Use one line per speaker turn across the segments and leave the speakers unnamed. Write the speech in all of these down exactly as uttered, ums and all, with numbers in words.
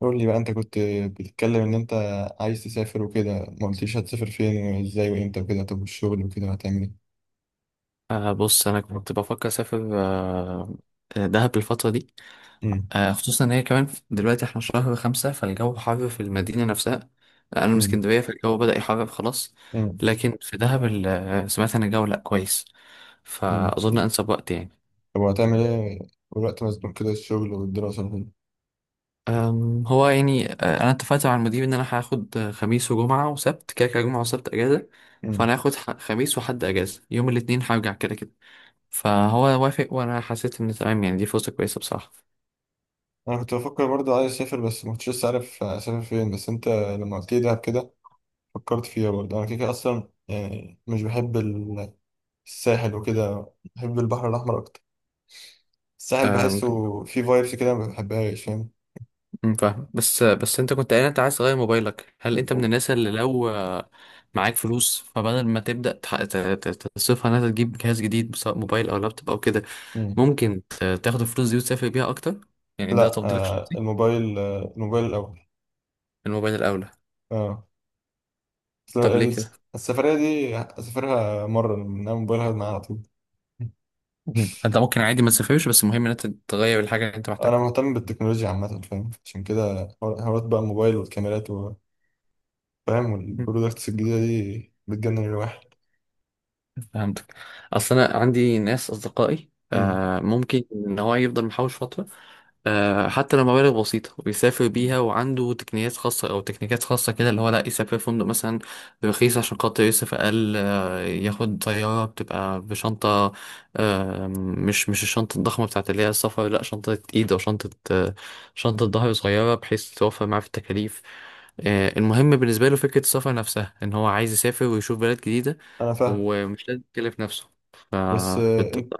قول لي بقى، انت كنت بتتكلم ان انت عايز تسافر وكده. ما قلتليش هتسافر فين وازاي وامتى وكده؟ طب والشغل وكده هتعمل ايه؟
آه بص انا كنت بفكر اسافر آه آه، دهب الفتره دي.
امم.
آه خصوصا ان هي كمان في- دلوقتي احنا شهر خمسة فالجو حر في المدينه نفسها. انا من
امم.
اسكندريه فالجو بدأ يحرر خلاص.
امم.
لكن في دهب ال- آه، سمعت ان الجو لا كويس،
امم.
فاظن انسب وقت يعني.
طب وهتعمل ايه؟ والوقت مزنوق كده، الشغل والدراسة وكده.
أم، هو يعني آه، انا اتفقت مع المدير ان انا هاخد آه، خميس وجمعه وسبت، كده كده جمعه وسبت اجازه.
امم.
فانا هاخد ح- خميس وحد اجازه، يوم الاثنين هرجع كده كده. فهو وافق وانا حسيت ان تمام، يعني دي فرصه كويسه بصراحه.
انا كنت بفكر برضه عايز اسافر، بس ما كنتش لسه عارف اسافر فين. بس انت لما قلت لي دهب كده فكرت فيها. برضه انا كده كده اصلا يعني مش بحب ال- الساحل وكده، بحب البحر الاحمر اكتر. الساحل
أم،
بحسه فيه فايبس كده ما بحبهاش.
أم، فاهم. بس بس انت كنت قايل انت عايز تغير موبايلك. هل انت من
فاهم؟
الناس اللي لو آه، معاك فلوس فبدل ما تبدأ تح- ت- ت- تصرفها انها تجيب جهاز جديد سواء موبايل او لابتوب او كده، ممكن ت- تاخد الفلوس دي وتسافر بيها اكتر؟ يعني ده
لا.
تفضيلك
آه
الشخصي.
الموبايل آه الموبايل الأول.
الموبايل الاولى؟
اه. أصل
طب ليه
ال-
كده؟
السفرية دي أسافرها مرة، إنما موبايلها معايا على طول.
مم. انت ممكن عادي ما تسافرش، بس المهم ان انت تغير الحاجة اللي انت
أنا
محتاجها.
مهتم بالتكنولوجيا عامة، فاهم؟ عشان كده حوار- حوارات بقى الموبايل والكاميرات و- فاهم،
مم.
والبرودكتس الجديدة دي بتجنن الواحد.
فهمتك. اصل انا عندي ناس اصدقائي
أمم.
آه، ممكن ان هو يفضل محوش فترة، آه، حتى لو مبالغ بسيطة، ويسافر بيها. وعنده تقنيات خاصة أو تكنيكات خاصة كده، اللي هو لا يسافر فندق مثلا رخيص عشان خاطر يصرف أقل، آه، ياخد طيارة، بتبقى بشنطة، آه، مش مش الشنطة الضخمة بتاعت اللي هي السفر، لا شنطة إيد أو شنطة آه، شنطة ظهر صغيرة، بحيث توفر معاه في التكاليف. آه، المهم بالنسبة له فكرة السفر نفسها، إن هو عايز يسافر ويشوف بلد جديدة،
أنا فاهم.
ومش لازم يكلف نفسه.
بس آه
فكنت.
أنت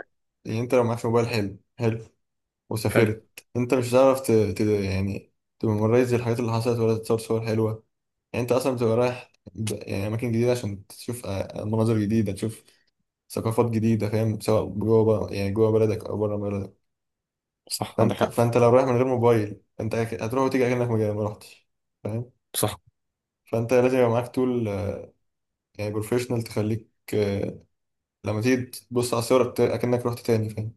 يعني أنت لو معكش موبايل حلو حلو
حلو.
وسافرت، أنت مش هتعرف ت... ت... يعني تممرايز الحاجات اللي حصلت، ولا تتصور صور حلوة. يعني انت اصلا بتبقى رايح ب- يعني اماكن جديده عشان تشوف آه، مناظر جديده، تشوف ثقافات جديده، فاهم؟ سواء جوه بقى يعني جوه بلدك او بره بلدك.
صح، عندك
فانت
حق.
فانت لو رايح من غير موبايل انت أك- هتروح وتيجي اكنك ما ما رحتش. فاهم؟
صح.
فانت لازم يبقى معاك تول، آه، يعني بروفيشنال تخليك، آه، لما تيجي تبص على الصور بت- اكنك رحت تاني، فاهم؟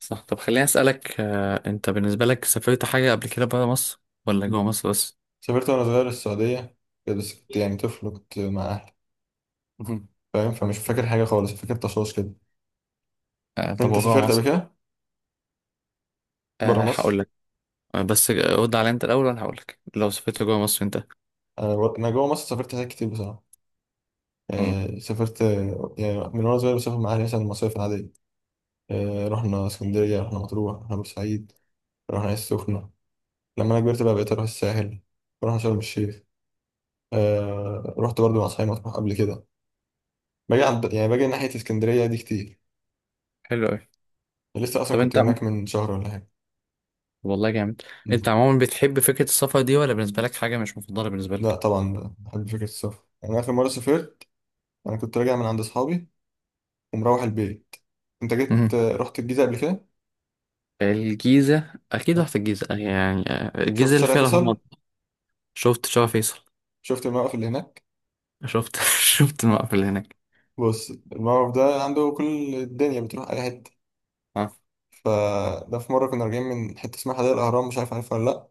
صح. طب خليني أسألك، آه، أنت بالنسبة لك سافرت حاجة قبل كده برا مصر ولا جوا مصر بس؟
سافرت وانا صغير السعوديه كده، بس كنت يعني طفل وكنت مع اهلي.
مهم.
فاهم؟ فمش فاكر حاجه خالص، فاكر تشاش كده.
آه، طب
انت
وجوه
سافرت قبل
مصر؟
كده بره
أه
مصر؟
هقول لك. أه بس رد على أنت الأول، وأنا هقول لك لو سافرت جوا مصر أنت.
انا بر- انا جوه مصر سافرت حاجات كتير بصراحه.
مم.
آه، سافرت، آه، يعني من وأنا صغير بسافر مع أهلي مثلا المصايف العادية. آه، رحنا اسكندرية، رحنا مطروح، رحنا بورسعيد، رحنا العين السخنة. لما أنا كبرت بقى بقيت أروح الساحل، رحنا شرم الشيخ. آه، رحت برضو مع أصحابي مطروح قبل كده. باجي عند يعني باجي ناحية اسكندرية دي كتير.
حلو أوي.
لسه أصلا
طب
كنت
أنت عم-
هناك من شهر ولا حاجة.
والله جامد. أنت
مم.
عموما بتحب فكرة السفر دي، ولا بالنسبة لك حاجة مش مفضلة بالنسبة
لا
لك؟
طبعا بحب فكرة السفر. أنا آخر مرة سافرت أنا كنت راجع من عند أصحابي ومروح البيت. أنت جيت،
مم.
آه، رحت الجيزة قبل كده؟
الجيزة أكيد
آه.
رحت الجيزة، آه، يعني آه،
شفت
الجيزة اللي
شارع
فيها الأهرامات.
فيصل؟
شفت شارع فيصل.
شفت الموقف اللي هناك؟
شفت شفت الموقف اللي هناك.
بص، الموقف ده عنده كل الدنيا بتروح اي حته.
أه.
فده في مره كنا راجعين من حته اسمها حدائق الاهرام، مش عارف، عارفها ولا لا؟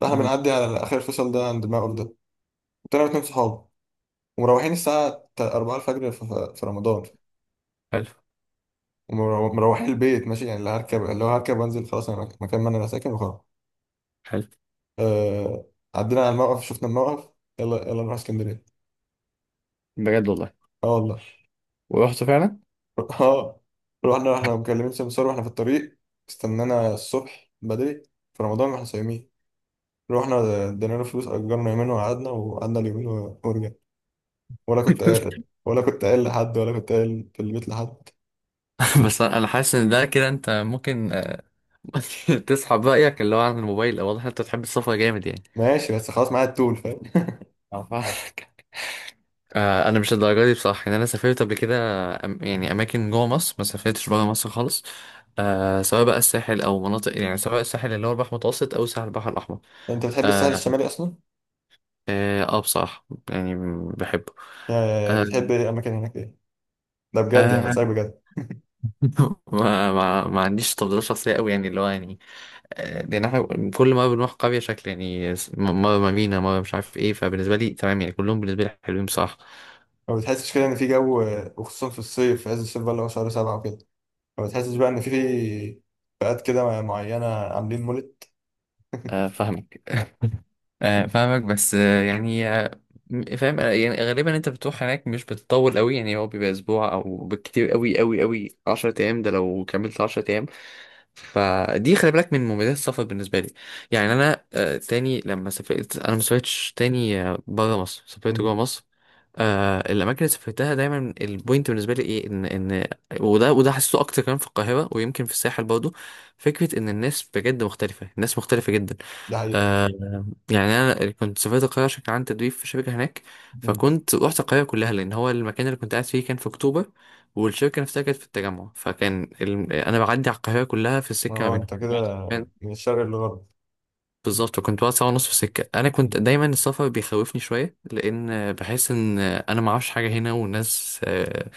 فاحنا
مهم.
بنعدي على اخر الفصل ده عند الموقف ده. طلعنا اتنين صحاب، ومروحين الساعه أربعة الفجر في في رمضان.
حلو.
ومروحين البيت ماشي، يعني اللي هركب اللي هو هركب وانزل خلاص انا مك- مكان ما انا ساكن وخلاص.
حلو.
آه... عدينا على الموقف، شفنا الموقف. يلا يلا نروح اسكندريه.
بجد والله.
اه والله.
ورحت فعلا.
اه. رحنا رحنا مكلمين سمسار واحنا في الطريق. استنانا الصبح بدري، في رمضان واحنا صايمين. رحنا ادينا له فلوس، اجرنا يومين، وقعدنا وقعدنا اليومين و- ورجعنا. ولا كنت قايل، ولا كنت قايل لحد، ولا كنت قايل في البيت لحد.
بس انا حاسس ان ده كده انت ممكن آه، تسحب رايك اللي هو عن الموبايل، او واضح إن انت بتحب السفر جامد يعني.
ماشي، بس خلاص معايا التول، فاهم؟
أعرفك. آه، انا مش الدرجه دي بصراحه، يعني انا سافرت قبل كده أم- يعني اماكن جوه مصر، ما سافرتش بره مصر خالص. آه، سواء بقى الساحل او مناطق، يعني سواء الساحل اللي هو البحر المتوسط او ساحل البحر الاحمر.
انت بتحب الساحل
اه.
الشمالي اصلا؟
اه آه، بصراحه يعني بحبه.
يعني
آه
بتحب ايه اماكن هناك؟ ايه؟ ده بجد، يعني
آه،
بتسألك بجد.
ما, ما, ما عنديش تفضيلات شخصية قوي، يعني اللي هو يعني آه، لأن احنا كل ما بنروح قرية شكل، يعني س- مرة مارينا، مرة مش عارف ايه، فبالنسبة لي تمام يعني، كلهم بالنسبة لي حلوين بصراحة.
ما بتحسش كده ان في جو، وخصوصا في الصيف في عز الصيف بقى اللي هو شهر سبعة وكده، ما بتحسش بقى ان في في فئات كده معينة عاملين مولد؟
آه، فاهمك. آه، فاهمك بس آه، يعني آه، م- فاهم آه، يعني غالبا انت بتروح هناك مش بتطول قوي، يعني هو بيبقى اسبوع، او بالكتير قوي قوي قوي عشرة ايام، ده لو كملت عشرة ايام. فدي خلي بالك من مميزات السفر بالنسبه لي. يعني انا آه، تاني لما سافرت انا ما سافرتش تاني بره مصر، سافرت جوه
مم.
مصر. آه، الاماكن اللي سافرتها دايما البوينت بالنسبه لي ايه؟ ان ان وده وده حسيته اكتر كمان في القاهره، ويمكن في الساحل برضو. فكره ان الناس بجد مختلفه، الناس مختلفه جدا.
ده حقيقي.
آه، يعني انا كنت سافرت القاهره عشان كان عندي تدريب في شركه هناك.
مم.
فكنت رحت القاهره كلها، لان هو المكان اللي كنت قاعد فيه كان في اكتوبر، والشركة نفسها كانت في التجمع. فكان ال... أنا بعدي على القاهرة كلها في السكة ما
اه،
بينهم.
انت كده
كان-
من الشرق للغرب.
بالظبط، كنت بقعد ساعة ونص في السكة. أنا كنت
مم.
دايما السفر بيخوفني شوية، لأن بحس إن أنا معرفش حاجة هنا، والناس آه،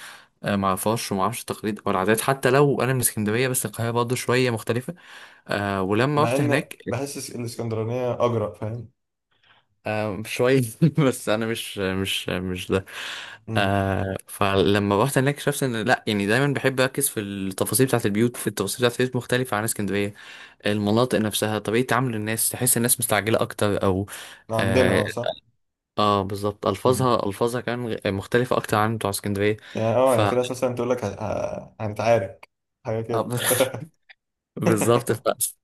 آه، معرفهاش، ومعرفش التقاليد أو العادات. حتى لو أنا من اسكندرية، بس القاهرة برضه شوية مختلفة. آه، ولما
مع
رحت
ان
هناك،
بحس الاسكندرانية اجرأ، فاهم؟
آه شوية. بس أنا مش مش مش ده.
مم.
آه، فلما رحت هناك اكتشفت إن لأ، يعني دايما بحب أركز في التفاصيل بتاعة البيوت. في التفاصيل بتاعة البيوت مختلفة عن اسكندرية، المناطق نفسها، طريقة تعامل الناس، تحس الناس مستعجلة أكتر أو
عندنا
آه,
اه صح.
آه بالظبط.
مم.
ألفاظها ألفاظها كمان مختلفة أكتر عن بتوع اسكندرية.
يعني اه
ف
يعني في ناس مثلا تقول لك ه- ه- هنتعارك، حاجة كده.
آه، بالظبط ف...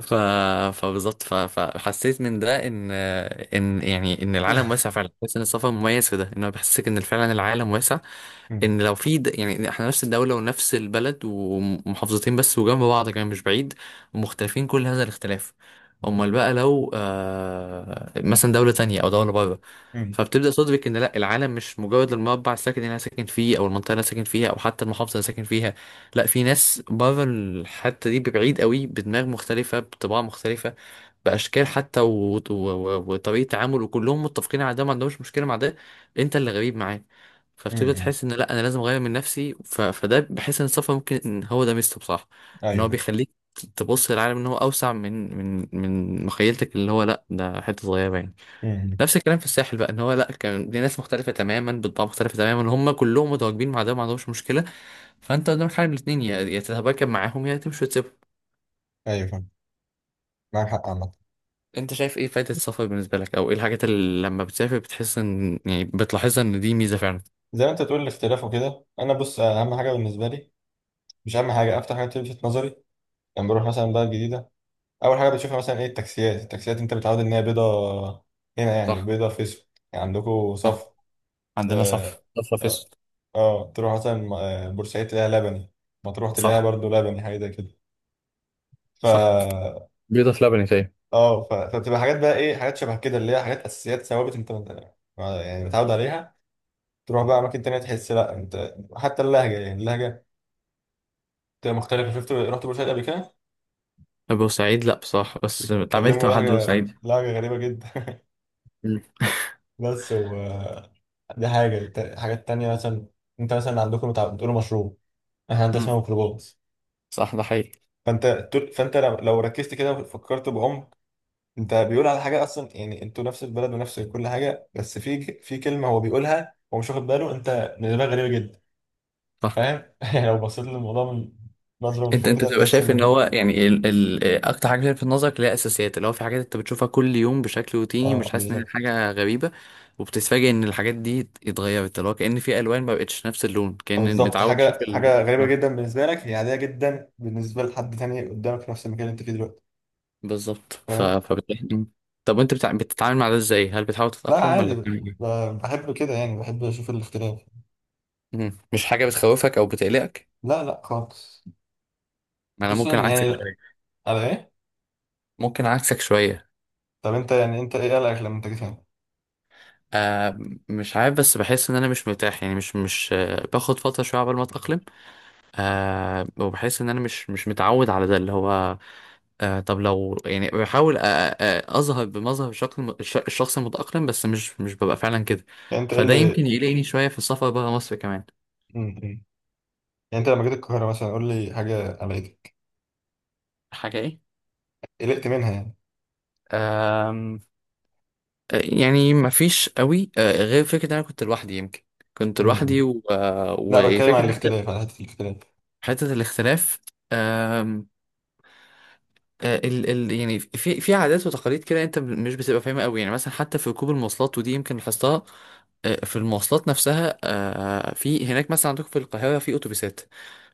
ف... فبالظبط ف... فحسيت من ده ان ان يعني ان العالم واسع فعلا. حسيت ان السفر مميز في ده، انه بيحسسك ان فعلا العالم واسع.
مم.
ان لو في د... يعني احنا نفس الدولة ونفس البلد ومحافظتين بس وجنب بعض كمان مش بعيد، ومختلفين كل هذا الاختلاف. امال بقى لو آه مثلا دولة تانية او دولة بره.
مم.
فبتبدأ تدرك إن لأ، العالم مش مجرد المربع الساكن اللي أنا ساكن فيه، أو المنطقة اللي أنا ساكن فيها، أو حتى المحافظة اللي أنا ساكن فيها. لأ، في ناس بره الحتة دي ببعيد قوي، بدماغ مختلفة، بطباع مختلفة، بأشكال حتى و... و... و... وطريقة تعامل، وكلهم متفقين على ده، ما عندهمش مشكلة مع ده، أنت اللي غريب معاه. فبتبدأ
مم.
تحس إن لأ أنا لازم أغير من نفسي. ف... فده بحس إن السفر ممكن إن هو ده ميزته بصراحة، إن
ايوه،
هو
فاهم.
بيخليك تبص للعالم إن هو أوسع من من من مخيلتك، اللي هو لأ ده حتة صغيرة يعني.
مم.
نفس الكلام في الساحل بقى، ان هو لا كان دي ناس مختلفه تماما، بطباع مختلفه تماما، هم كلهم متواجدين مع ده وما عندهمش مشكله. فانت قدامك حاجه من الاثنين، يا يا تتباكى معاهم، يا تمشي وتسيبهم.
ايوه، فاهم. معاك حق عامة.
انت شايف ايه فائده السفر بالنسبه لك، او ايه الحاجات اللي لما بتسافر بتحس ان يعني بتلاحظها ان دي ميزه فعلا؟
زي ما انت تقول الاختلاف وكده. انا بص، اهم حاجة بالنسبة لي، مش اهم حاجة، اكتر حاجة بتلفت نظري، لما بروح مثلا بلد جديدة، اول حاجة بتشوفها مثلا ايه؟ التاكسيات. التاكسيات انت متعود ان هي بيضة، هنا يعني
صح.
بيضة في اسود. يعني عندكم صف.
صح، عندنا
اه.
صف صف
اه.
فيصل.
آه، تروح مثلا م- آه، بورسعيد تلاقيها لبني. مطروح تلاقيها
صح.
برضو لبني، حاجه زي كده. ف
صح، بيضة في لبن تاني.
اه ف... فبتبقى حاجات بقى، ايه، حاجات شبه كده، اللي هي حاجات اساسيات ثوابت انت آه، يعني متعود عليها. تروح بقى اماكن تانية تحس لا، انت حتى اللهجه يعني اللهجه بتبقى مختلفه. شفت، رحت بورسعيد قبل كده؟
بورسعيد لا بصراحه، بس اتعاملت
كلموا
مع حد
لهجه
بورسعيد.
لهجه غريبه جدا.
مم.
بس و... دي حاجه ت- حاجات تانية مثلا. انت مثلا عندكم بتاع- بتقولوا مشروب. احنا عندنا
مم.
اسمها ميكروباص.
صح، ده حقيقي.
فانت طول- فانت لو لو ركزت كده وفكرت بعمق، انت بيقول على حاجه اصلا، يعني انتوا نفس البلد ونفس كل حاجه، بس في في كلمه هو بيقولها، هو مش واخد باله انت بالنسبه لك غريبه جدا. فاهم؟ يعني لو بصيت للموضوع من نظره من
انت
فوق
انت
كده،
بتبقى
هتحس
شايف
ان
ان
الم-
هو يعني ال... ال... اكتر حاجه في نظرك اللي هي اساسيات، اللي هو في حاجات انت بتشوفها كل يوم بشكل روتيني،
اه
مش حاسس ان هي
بالظبط.
حاجه غريبه، وبتتفاجئ ان الحاجات دي اتغيرت، اللي هو كأن في الوان ما بقتش نفس اللون،
آه،
كأن
بالظبط.
متعود تشوف
حاجه
ال...
حاجه غريبه
اه
جدا بالنسبه لك، هي عاديه جدا بالنسبه لحد تاني قدامك في نفس المكان اللي انت فيه دلوقتي.
بالظبط. ف...
فاهم.
فبتلاقي مم. طب وانت بتع... بتتعامل مع ده ازاي؟ هل بتحاول
لا
تتأقلم
عادي،
ولا
ب-
بتعمل ايه؟
ب- بحب كده، يعني بحب اشوف الاختلاف.
مم. مش حاجه بتخوفك او بتقلقك؟
لا لا خالص.
ما انا
خصوصا
ممكن
يعني.
عكسك شويه.
على ايه؟
ممكن عكسك شويه.
طب انت يعني انت ايه قلقك لما انت جيت هنا؟
آه مش عارف، بس بحس ان انا مش مرتاح، يعني مش مش آه باخد فتره شويه عقبال ما اتأقلم. آه، وبحس ان انا مش مش متعود على ده اللي هو. آه طب لو يعني بحاول أ- أ- اظهر بمظهر شكل م- الش- الشخص المتأقلم، بس مش مش ببقى فعلا كده.
يعني انت ايه
فده يمكن
اللي...
يقلقني شوية في السفر برا مصر كمان.
م- م. يعني، انت لما جيت القاهرة مثلا، قول لي حاجة قلقتك،
حاجة ايه؟
قلقت منها يعني.
آم، آه، يعني مفيش قوي آه غير فكرة ان انا كنت لوحدي يمكن، كنت
م-
لوحدي
م.
و- آه،
لا، بتكلم عن
وفكرة
الاختلاف، على حتة الاختلاف.
حتة الاختلاف. آه، ال ال يعني في في عادات وتقاليد كده انت مش بتبقى فاهمها قوي، يعني مثلا حتى في ركوب المواصلات، ودي يمكن لاحظتها. آه، في المواصلات نفسها، آه، في هناك مثلا عندكم في القاهرة في أتوبيسات.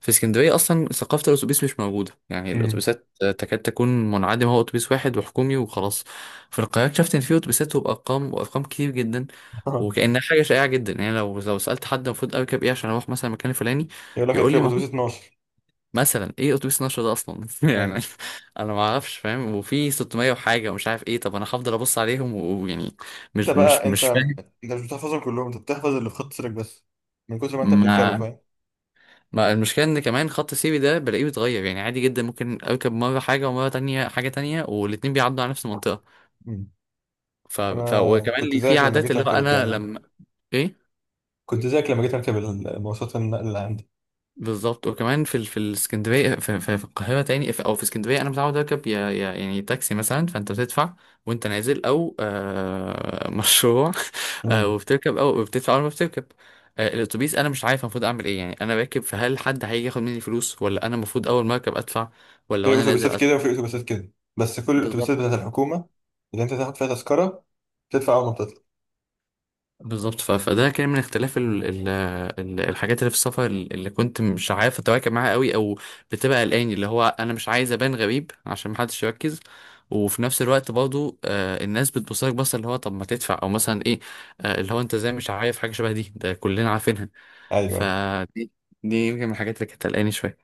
في اسكندرية أصلا ثقافة الأتوبيس مش موجودة، يعني
م.
الأتوبيسات آه، تكاد تكون منعدمة، هو أتوبيس واحد وحكومي وخلاص. في القاهرة اكتشفت إن في أتوبيسات، وبأرقام، وأرقام كتير جدا، وكأنها حاجة شائعة جدا. يعني لو لو سألت حد المفروض أركب إيه عشان أروح مثلا المكان الفلاني،
يقول لك
يقول لي
الكلاب، اتوبيس اتناشر.
مثلا ايه اتوبيس النشر ده اصلا؟
يعني
يعني انا ما اعرفش فاهم، وفي ستمية وحاجه ومش عارف ايه، طب انا هفضل ابص عليهم و- ويعني
انت
مش مش
بقى انت
مش فاهم.
انت مش بتحفظهم كلهم، انت بتحفظ اللي في خط سيرك بس، من كتر ما انت بتركبه،
ما
فاهم؟
ما المشكله ان كمان خط سيري ده بلاقيه بيتغير، يعني عادي جدا ممكن اركب مره حاجه ومره تانية حاجه تانية، والاتنين بيعدوا على نفس المنطقه.
م.
ف... ف...
انا
وكمان
كنت
لي في
زيك لما
عادات
جيت
اللي هو
اركب
انا
الكلام ده.
لما ايه
كنت زيك لما جيت اركب المواصلات النقل اللي عندي.
بالظبط. وكمان في ال- في الاسكندريه في, في, في القاهره تاني، في او في اسكندريه انا متعود اركب يا يا يعني تاكسي مثلا، فانت بتدفع وانت نازل، او آه مشروع، آه،
م.
وبتركب او بتدفع اول ما بتركب. آه، الاتوبيس انا مش عارف المفروض اعمل ايه، يعني انا راكب، فهل حد هيجي ياخد مني فلوس، ولا انا المفروض اول ما اركب ادفع، ولا
في
وانا نازل
اتوبيسات
ادفع؟
كده وفي اتوبيسات كده. بس كل الاتوبيسات
بالظبط.
بتاعت الحكومة اللي انت تاخد فيها تذكرة، تدفع اول ما بتطلع.
بالظبط ف- فده كان من اختلاف ال ال ال الحاجات اللي في السفر اللي كنت مش عارف اتواكب معاها قوي. او بتبقى قلقان اللي هو انا مش عايز ابان غريب عشان محدش يركز، وفي نفس الوقت برضو آه الناس بتبص لك بصه اللي هو طب ما تدفع او مثلا ايه، آه اللي هو انت ازاي مش عارف حاجه شبه دي، ده كلنا عارفينها.
ايوه.
فدي، دي يمكن من الحاجات اللي كانت قلقاني شويه.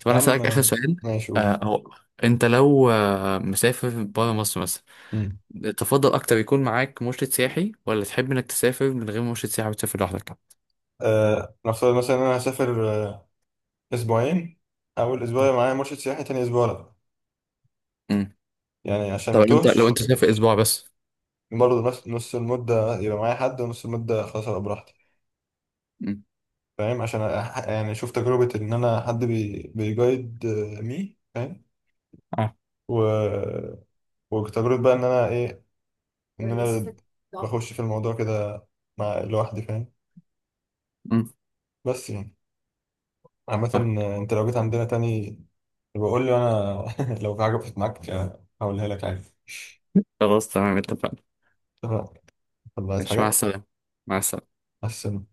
طب
يا
انا
عم،
اسالك اخر سؤال.
ماشي قول.
آه هو، انت لو آه مسافر بره مصر مثلا،
مم.
تفضل اكتر يكون معاك مرشد سياحي، ولا تحب انك تسافر من غير مرشد سياحي وتسافر لوحدك؟
آه نفترض مثلا إن أنا هسافر آه أسبوعين. أول أسبوع يبقى معايا مرشد سياحي، تاني أسبوع لأ.
مم.
يعني عشان
طب
ما
لو انت لو
توهش.
انت سافر اسبوع بس؟
برضه نص نص المدة يبقى معايا حد، ونص المدة خلاص أبقى براحتي.
مم.
فاهم؟ عشان أح- يعني أشوف تجربة إن أنا حد بي بيجايد آه، مي، فاهم.
اه.
و... وتجربة بقى إن أنا إيه؟ إن أنا بخش في الموضوع كده، مع لوحدي، فاهم.
مم.
بس يعني، عامة.
آه.
آه، أنت لو جيت عندنا تاني، بقول له انا لو في حاجه وقفت معاك هقولها لك عادي.
خلاص تمام، اتفقنا.
اتفقنا. طب عايز
ماشي، مع
حاجه؟
السلامة. مع السلامة.
حسن.